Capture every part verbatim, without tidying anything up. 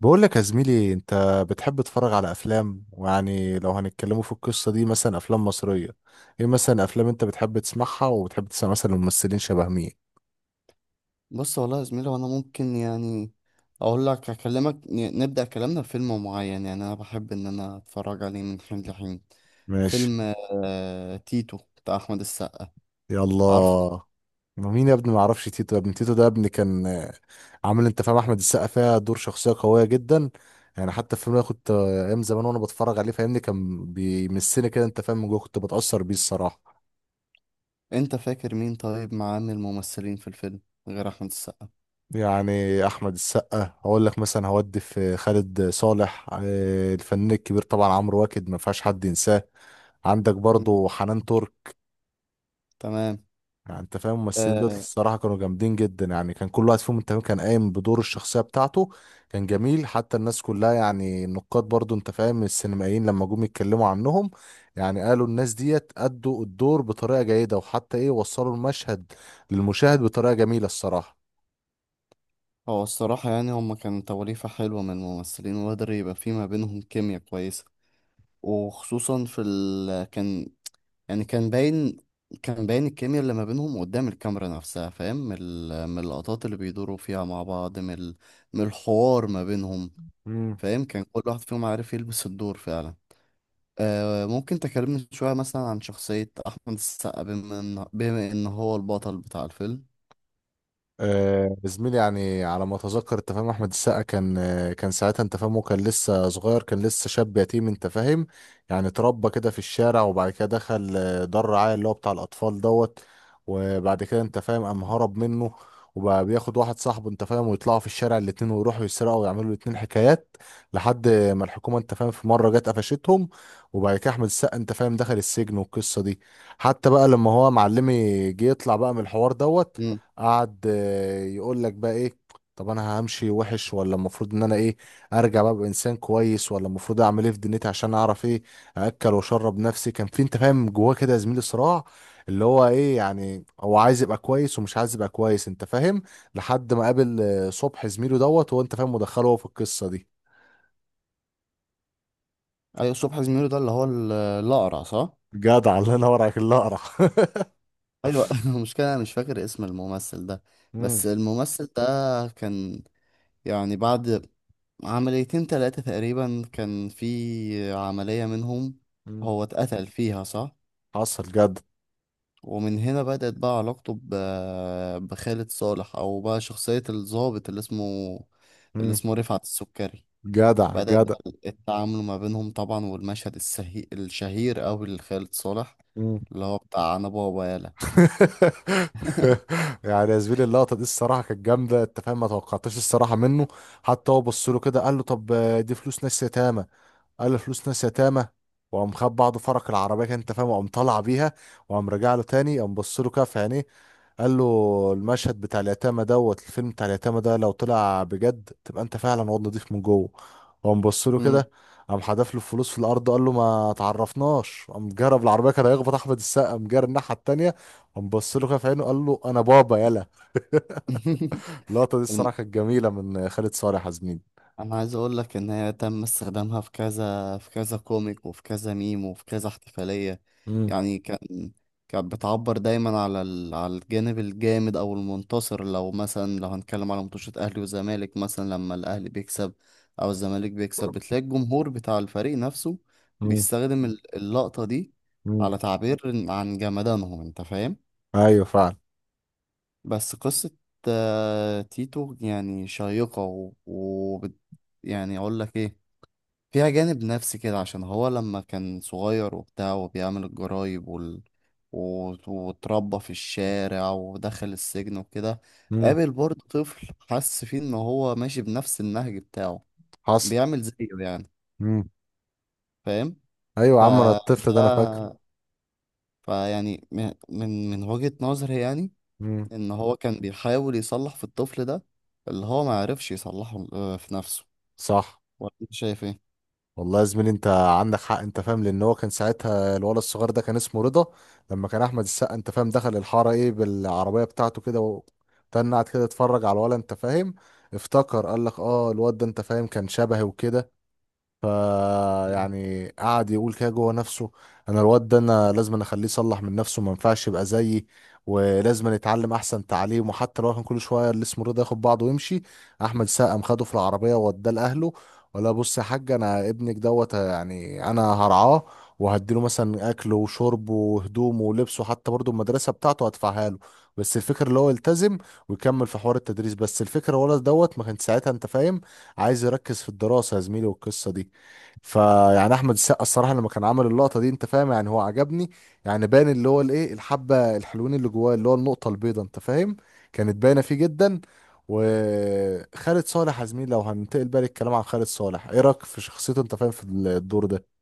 بقول لك يا زميلي انت بتحب تتفرج على افلام، ويعني لو هنتكلموا في القصة دي مثلا افلام مصرية، ايه مثلا افلام انت بتحب تسمعها وبتحب تسمع مثلا ممثلين شبه مين؟ بص والله يا زميلي وانا ممكن يعني اقول لك اكلمك ن- نبدا كلامنا بفيلم معين، يعني انا بحب ان انا اتفرج عليه من حين لحين. ماشي. فيلم آه تيتو بتاع احمد السقا، عارفه. يلا. مين يا ابني؟ ما اعرفش تيتو يا ابني. تيتو ده يا ابني كان آه، عامل، انت فاهم، احمد السقا فيها دور شخصية قوية جدا. يعني حتى الفيلم ده كنت آه، ايام زمان وانا بتفرج عليه، فاهمني، كان بيمسني كده، انت فاهم، من جوه كنت بتأثر بيه الصراحة. انت فاكر مين طيب معاه من الممثلين في الفيلم غير احمد السقا؟ يعني احمد السقا هقول لك مثلا هودي، في خالد صالح آه، الفنان الكبير طبعا، عمرو واكد ما فيهاش حد ينساه. عندك مم، برضو حنان ترك. تمام. يعني انت فاهم الممثلين دول آه الصراحه كانوا جامدين جدا. يعني كان كل واحد فيهم، انت فاهم، كان قايم بدور الشخصيه بتاعته. كان جميل حتى الناس كلها، يعني النقاد برضو، انت فاهم، السينمائيين لما جم يتكلموا عنهم، يعني قالوا الناس ديت ادوا الدور بطريقه جيده، وحتى ايه، وصلوا المشهد للمشاهد بطريقه جميله الصراحه. هو الصراحه يعني هما كانوا توليفه حلوه من الممثلين، وقدر يبقى في ما بينهم كيمياء كويسه. وخصوصا في ال... كان يعني كان باين، كان باين الكيمياء اللي ما بينهم قدام الكاميرا نفسها، فاهم، من ال- من اللقطات اللي بيدوروا فيها مع بعض، من ال- من الحوار ما بينهم، فاهم. كان كل واحد فيهم عارف يلبس الدور فعلا. آه، ممكن تكلمني شوية مثلا عن شخصية أحمد السقا، بما إن بما إن هو البطل بتاع الفيلم. آه، زميلي، يعني على ما اتذكر، انت فاهم، احمد السقا كان آه، كان ساعتها، انت فاهم، وكان لسه صغير، كان لسه شاب يتيم، انت فاهم. يعني اتربى كده في الشارع، وبعد كده دخل آه، دار رعاية اللي هو بتاع الاطفال دوت. وبعد كده، انت فاهم، قام هرب منه، وبقى بياخد واحد صاحبه، انت فاهم، ويطلعوا في الشارع الاتنين، ويروحوا يسرقوا ويعملوا الاتنين حكايات، لحد ما الحكومة، انت فاهم، في مرة جت قفشتهم. وبعد كده احمد السقا، انت فاهم، دخل السجن والقصة دي. حتى بقى لما هو معلمي جه يطلع بقى من الحوار دوت، مم. قعد آه، يقول لك بقى ايه. طب انا همشي وحش، ولا المفروض ان انا ايه، ارجع بقى ابقى انسان كويس، ولا المفروض اعمل ايه في دنيتي عشان اعرف ايه ااكل واشرب نفسي؟ كان في، انت فاهم، جواه كده يا زميلي صراع، اللي هو ايه، يعني هو عايز يبقى كويس ومش عايز يبقى كويس، انت فاهم. لحد ما قابل آه، صبح زميله دوت، وانت فاهم، مدخله هو في القصه دي. أيوة، صبحي زميلو ده اللي هو ال- الأقرع، صح؟ جدع، الله ينور عليك، اللي اقرع. أيوة، المشكلة أنا مش فاكر اسم الممثل ده. مم. بس الممثل ده كان، يعني بعد عمليتين تلاتة تقريبا، كان في عملية منهم مم. هو اتقتل فيها، صح. حصل جدع. ومن هنا بدأت بقى علاقته ب- بخالد صالح، أو بقى شخصية الضابط اللي اسمه اللي مم. اسمه رفعت السكري. جدع بدأت جدع. بقى التعامل ما بينهم طبعا، والمشهد السهي... الشهير أوي لخالد صالح اللي هو بتاع أنا بابا يالا. يعني يا زميلي اللقطه دي الصراحه كانت جامده، انت فاهم. ما توقعتش الصراحه منه. حتى هو بص له كده قال له طب آه، دي فلوس ناس يتامى. قال فلوس ناس يتامى. وقام خد بعض فرق العربيه كده، انت فاهم، وقام طالع بيها. وقام راجع له تاني، قام بص له كده في عينيه، قال له المشهد بتاع اليتامى دوت، الفيلم بتاع اليتامى ده، لو طلع بجد تبقى انت فعلا واد نضيف من جوه. وقام بص له كده، مم. قام حدف له الفلوس في الارض، قال له ما تعرفناش. قام جرب العربيه، كان هيخبط احمد السقا، قام جرى الناحيه التانيه. قام بص له كده في عينه، قال له انا بابا يلا. اللقطه دي الصراحه كانت جميله من خالد صالح يا زميلي. انا عايز اقول لك ان هي تم استخدامها في كذا، في كذا كوميك، وفي كذا ميم، وفي كذا احتفالية. امم يعني كان، كانت بتعبر دايما على ال... على الجانب الجامد او المنتصر. لو مثلا لو هنتكلم على ماتشات اهلي وزمالك مثلا، لما الاهلي بيكسب او الزمالك بيكسب، بتلاقي الجمهور بتاع الفريق نفسه بيستخدم ال- اللقطة دي، امم على تعبير عن جمدانهم، انت فاهم. ايوه فعلا. بس قصة آه، تيتو يعني شيقة و... وبت... يعني اقول لك ايه، فيها جانب نفسي كده. عشان هو لما كان صغير وبتاع وبيعمل الجرايب وال... وت- واتربى في الشارع ودخل السجن وكده، امم قابل برضه طفل حس فيه ان هو ماشي بنفس النهج بتاعه، حصل. بيعمل زيه يعني، مم. فاهم. ايوه يا عم، انا الطفل ده انا فاكر. فده فيعني م- من من وجهة نظري يعني، مم. ان هو كان بيحاول يصلح في الطفل ده اللي هو ما عرفش يصلحه آه، في نفسه. صح. ولا انت شايف ايه؟ والله يا زميلي انت عندك حق، انت فاهم، لان هو كان ساعتها الولد الصغير ده كان اسمه رضا. لما كان احمد السقا، انت فاهم، دخل الحاره ايه بالعربيه بتاعته كده، وتنعت كده اتفرج على الولد، انت فاهم، افتكر قال لك اه الواد ده، انت فاهم، كان شبهي وكده. ف، يعني قعد يقول كده جوه نفسه، انا الواد ده انا لازم أنا اخليه يصلح من نفسه، ما ينفعش يبقى زيي، ولازم أنا يتعلم احسن تعليم. وحتى لو كان كل شويه اللي اسمه رضا ياخد بعضه ويمشي، احمد السقا قام خده في العربيه ووداه لاهله. ولا بص يا حاج انا ابنك دوت، يعني انا هرعاه وهديله مثلا اكله وشربه وهدومه ولبسه، حتى برضه المدرسه بتاعته هدفعها له، بس الفكره اللي هو يلتزم ويكمل في حوار التدريس. بس الفكره الولد دوت ما كان ساعتها، انت فاهم، عايز يركز في الدراسه، يا زميلي، والقصه دي. فيعني احمد السقا الصراحه لما كان عامل اللقطه دي، انت فاهم، يعني هو عجبني. يعني باين اللي هو الايه، الحبه الحلوين اللي جواه، اللي هو النقطه البيضاء، انت فاهم، كانت باينه فيه جدا. وخالد صالح يا زميلي، لو هننتقل بقى للكلام عن خالد صالح، ايه رايك في شخصيته، انت فاهم، في الدور ده؟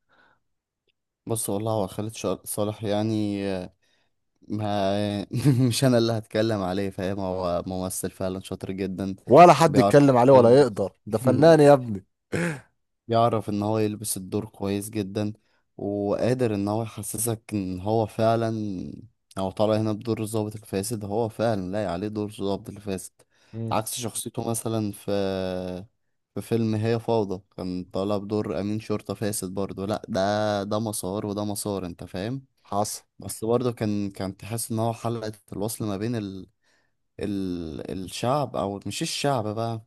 بص والله هو خالد شا- صالح يعني، ما مش انا اللي هتكلم عليه، فاهم. هو ممثل فعلا شاطر جدا، ولا حد بيعرف يتكلم عليه ولا يقدر، يلبس ده فنان يا ابني. بيعرف ان هو يلبس الدور كويس جدا، وقادر ان هو يحسسك ان هو فعلا، هو طالع هنا بدور الضابط الفاسد، هو فعلا لاقي عليه دور الضابط الفاسد. مم. عكس شخصيته مثلا في في فيلم هي فوضى، كان طالع بدور امين شرطة فاسد برضه. لا، ده ده مسار وده مسار، انت فاهم. حصل. بس برضه كان كان تحس ان هو حلقة الوصل ما بين ال... ال... الشعب، او مش الشعب بقى،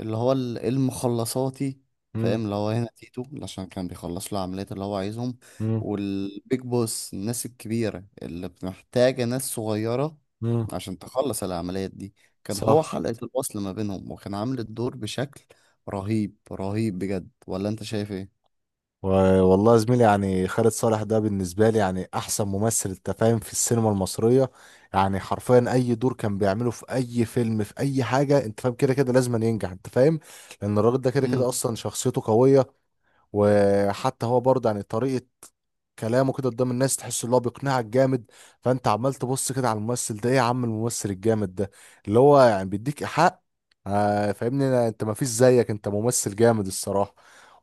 اللي هو ال- المخلصاتي، مم. فاهم. اللي هو هنا تيتو، عشان كان بيخلص له العمليات اللي هو عايزهم. مم. والبيج بوس، الناس الكبيرة اللي محتاجة ناس صغيرة مم. عشان تخلص العمليات دي، كان هو صح. حلقة الوصل ما بينهم، وكان عامل الدور بشكل رهيب، رهيب بجد. ولا انت شايف ايه؟ و- والله يا زميلي، يعني خالد صالح ده بالنسبة لي يعني أحسن ممثل، أنت فاهم، في السينما المصرية. يعني حرفيا أي دور كان بيعمله في أي فيلم في أي حاجة، أنت فاهم، كده كده لازم ينجح، أنت فاهم. لأن الراجل ده كده امم، كده أصلا شخصيته قوية. وحتى هو برضه، يعني طريقة كلامه كده قدام الناس، تحس ان هو بيقنعك جامد. فانت عمال تبص كده على الممثل ده، ايه يا عم الممثل الجامد ده، اللي هو يعني بيديك حق. آه فاهمني، أنا- انت ما فيش زيك، انت ممثل جامد الصراحة.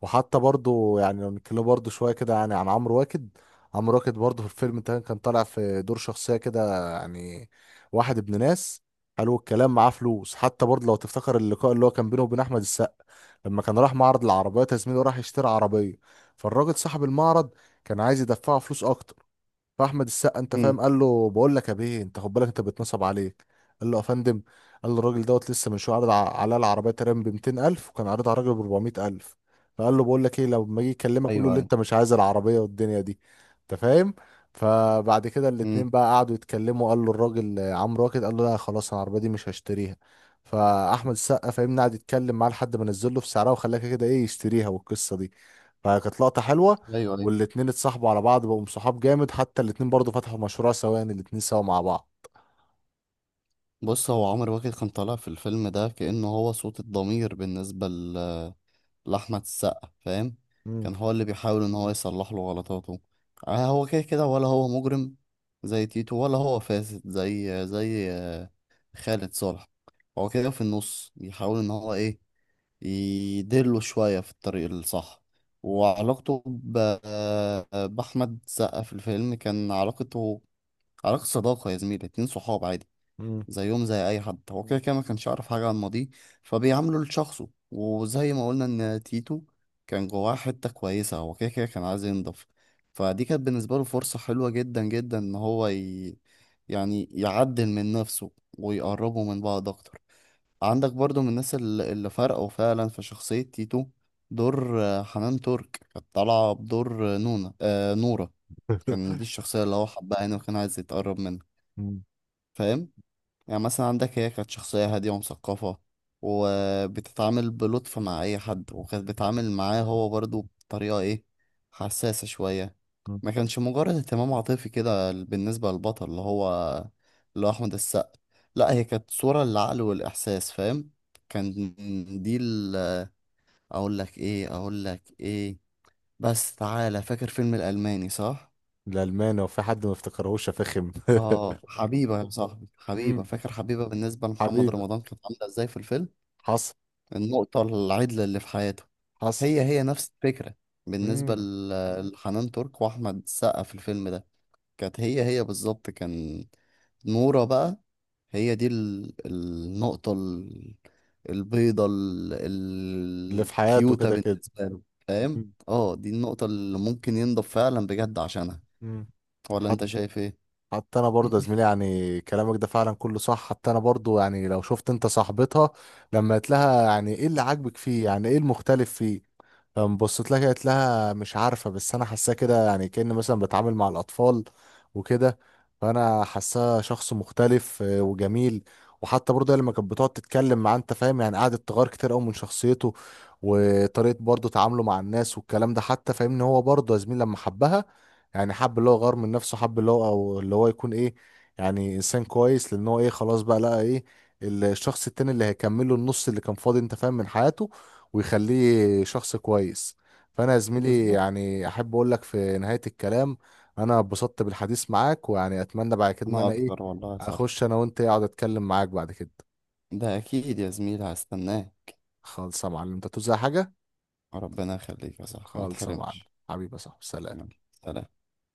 وحتى برضه يعني لو نتكلم برضه شوية كده يعني عن عمرو واكد. عمرو واكد برضه في الفيلم ده كان طالع في دور شخصية كده، يعني واحد ابن ناس، حلو الكلام، معاه فلوس. حتى برضه لو تفتكر اللقاء اللي هو كان بينه وبين احمد السقا، لما كان راح معرض العربيات، يا زميلي، وراح يشتري عربية، فالراجل صاحب المعرض كان عايز يدفعه فلوس اكتر. فاحمد السقا، انت امم، فاهم، قال له بقول لك يا بيه، انت خد بالك انت بيتنصب عليك. قال له يا فندم، قال له الراجل دوت لسه من شويه عرض ع- على العربيه تقريبا ب ميتين ألف، وكان عارضها على الراجل ب أربعمية ألف. فقال له بقول لك ايه، لما اجي اكلمك قول له ايوه، اللي ايوه، انت مش عايز العربيه والدنيا دي، انت فاهم. فبعد كده امم، الاتنين بقى قعدوا يتكلموا، قال له الراجل آه، عمرو واكد، قال له لا خلاص انا العربيه دي مش هشتريها. فاحمد السقا، فاهمني، قعد يتكلم معاه لحد ما نزل له في سعرها، وخلاها كده كده ايه، يشتريها، والقصه دي. فكانت لقطه حلوه. ايوه، ايوه. والاتنين اتصاحبوا على بعض، بقوا صحاب جامد، حتى الاتنين برضو فتحوا مشروع سوا، يعني الاتنين سوا مع بعض. بص، هو عمرو واكد كان طالع في الفيلم ده كأنه هو صوت الضمير بالنسبة ل- لأحمد السقا، فاهم. مم. كان هو اللي بيحاول إن هو يصلح له غلطاته. آه، هو كده كده ولا هو مجرم زي تيتو، ولا هو فاسد زي زي خالد صالح. هو كده في النص بيحاول إن هو إيه، يدله شوية في الطريق الصح. مم. وعلاقته ب- بأحمد السقا في الفيلم، كان علاقته علاقة صداقة يا زميلي، اتنين صحاب عادي مم. زيهم زي اي حد. هو كده كده ما كانش يعرف حاجه عن ماضيه، فبيعامله لشخصه. وزي ما قلنا ان تيتو كان جواه حته كويسه، هو كده كده كان عايز ينضف، فدي كانت بالنسبه له فرصه حلوه جدا جدا ان هو ي... يعني يعدل من نفسه ويقربوا من بعض اكتر. عندك برضو من الناس الل- اللي فرقوا فعلا في شخصيه تيتو، دور آه، حنان ترك. كانت طالعه بدور آه، نونا آه نورا. كان دي الشخصيه اللي هو حبها يعني، وكان عايز يتقرب منها، مم. فاهم. يعني مثلا عندك هي كانت شخصية هادية ومثقفة، وبتتعامل بلطف مع أي حد، وكانت بتتعامل معاه هو برضو بطريقة إيه، حساسة شوية. مم. ما كانش مجرد اهتمام عاطفي كده بالنسبة للبطل اللي هو اللي هو أحمد السقا، لا هي كانت صورة للعقل والإحساس، فاهم. كان دي ال أقول لك إيه أقول لك إيه بس، تعالى فاكر فيلم الألماني، صح؟ الألماني وفي حد ما افتكرهوش يا فخم. آه، حبيبة يا صاحبي، حبيبة. مم. فاكر حبيبة بالنسبة لمحمد حبيبي. رمضان كانت عاملة إزاي في الفيلم؟ حصل. النقطة العدلة اللي في حياته. حصل. هي هي نفس الفكرة بالنسبة مم. ل- لحنان ترك وأحمد السقا في الفيلم ده، كانت هي هي بالظبط. كان نورة بقى هي دي ال- النقطة ال- البيضة ال- اللي في حياته الكيوتة كده كده. بالنسبة له، فاهم؟ مم. اه دي النقطة اللي ممكن ينضب فعلا بجد عشانها. مم. ولا حت- انت شايف ايه؟ حتى انا برضه يا زميلي يعني كلامك ده فعلا كله صح. حتى انا برضه يعني لو شفت انت صاحبتها، لما قلت لها يعني ايه اللي عاجبك فيه، يعني ايه المختلف فيه، فقام بصيت لها قالت لها مش عارفة، بس أنا حاساه كده يعني كأن مثلا بتعامل مع الأطفال وكده، فأنا حاساه شخص مختلف آه، وجميل. وحتى برضه هي لما كانت بتقعد تتكلم معاه، أنت فاهم، يعني قعدت تغير كتير أوي من شخصيته، وطريقة برضه تعامله مع الناس والكلام ده. حتى فاهمني هو برضه يا زميل لما حبها، يعني حب، اللي هو غير من نفسه، حب اللي هو، أو اللي هو يكون إيه، يعني إنسان كويس. لأن هو إيه، خلاص بقى لقى إيه، الشخص التاني اللي هيكمله النص اللي كان فاضي، أنت فاهم، من حياته، ويخليه شخص كويس. فانا يا زميلي بالظبط. يعني احب اقول لك في نهاية الكلام، انا اتبسطت بالحديث معاك، ويعني اتمنى بعد كده ان ما انا ايه، أكتر، والله صح. اخش انا وانت إيه، اقعد اتكلم معاك بعد كده. ده أكيد يا زميلي، هستناه. خالص يا معلم، انت توزع حاجة. ربنا يخليك يا صاحبي، ما خالص يا معلم. تحرمش. حبيبي يا صاحبي، سلام. يلا، سلام.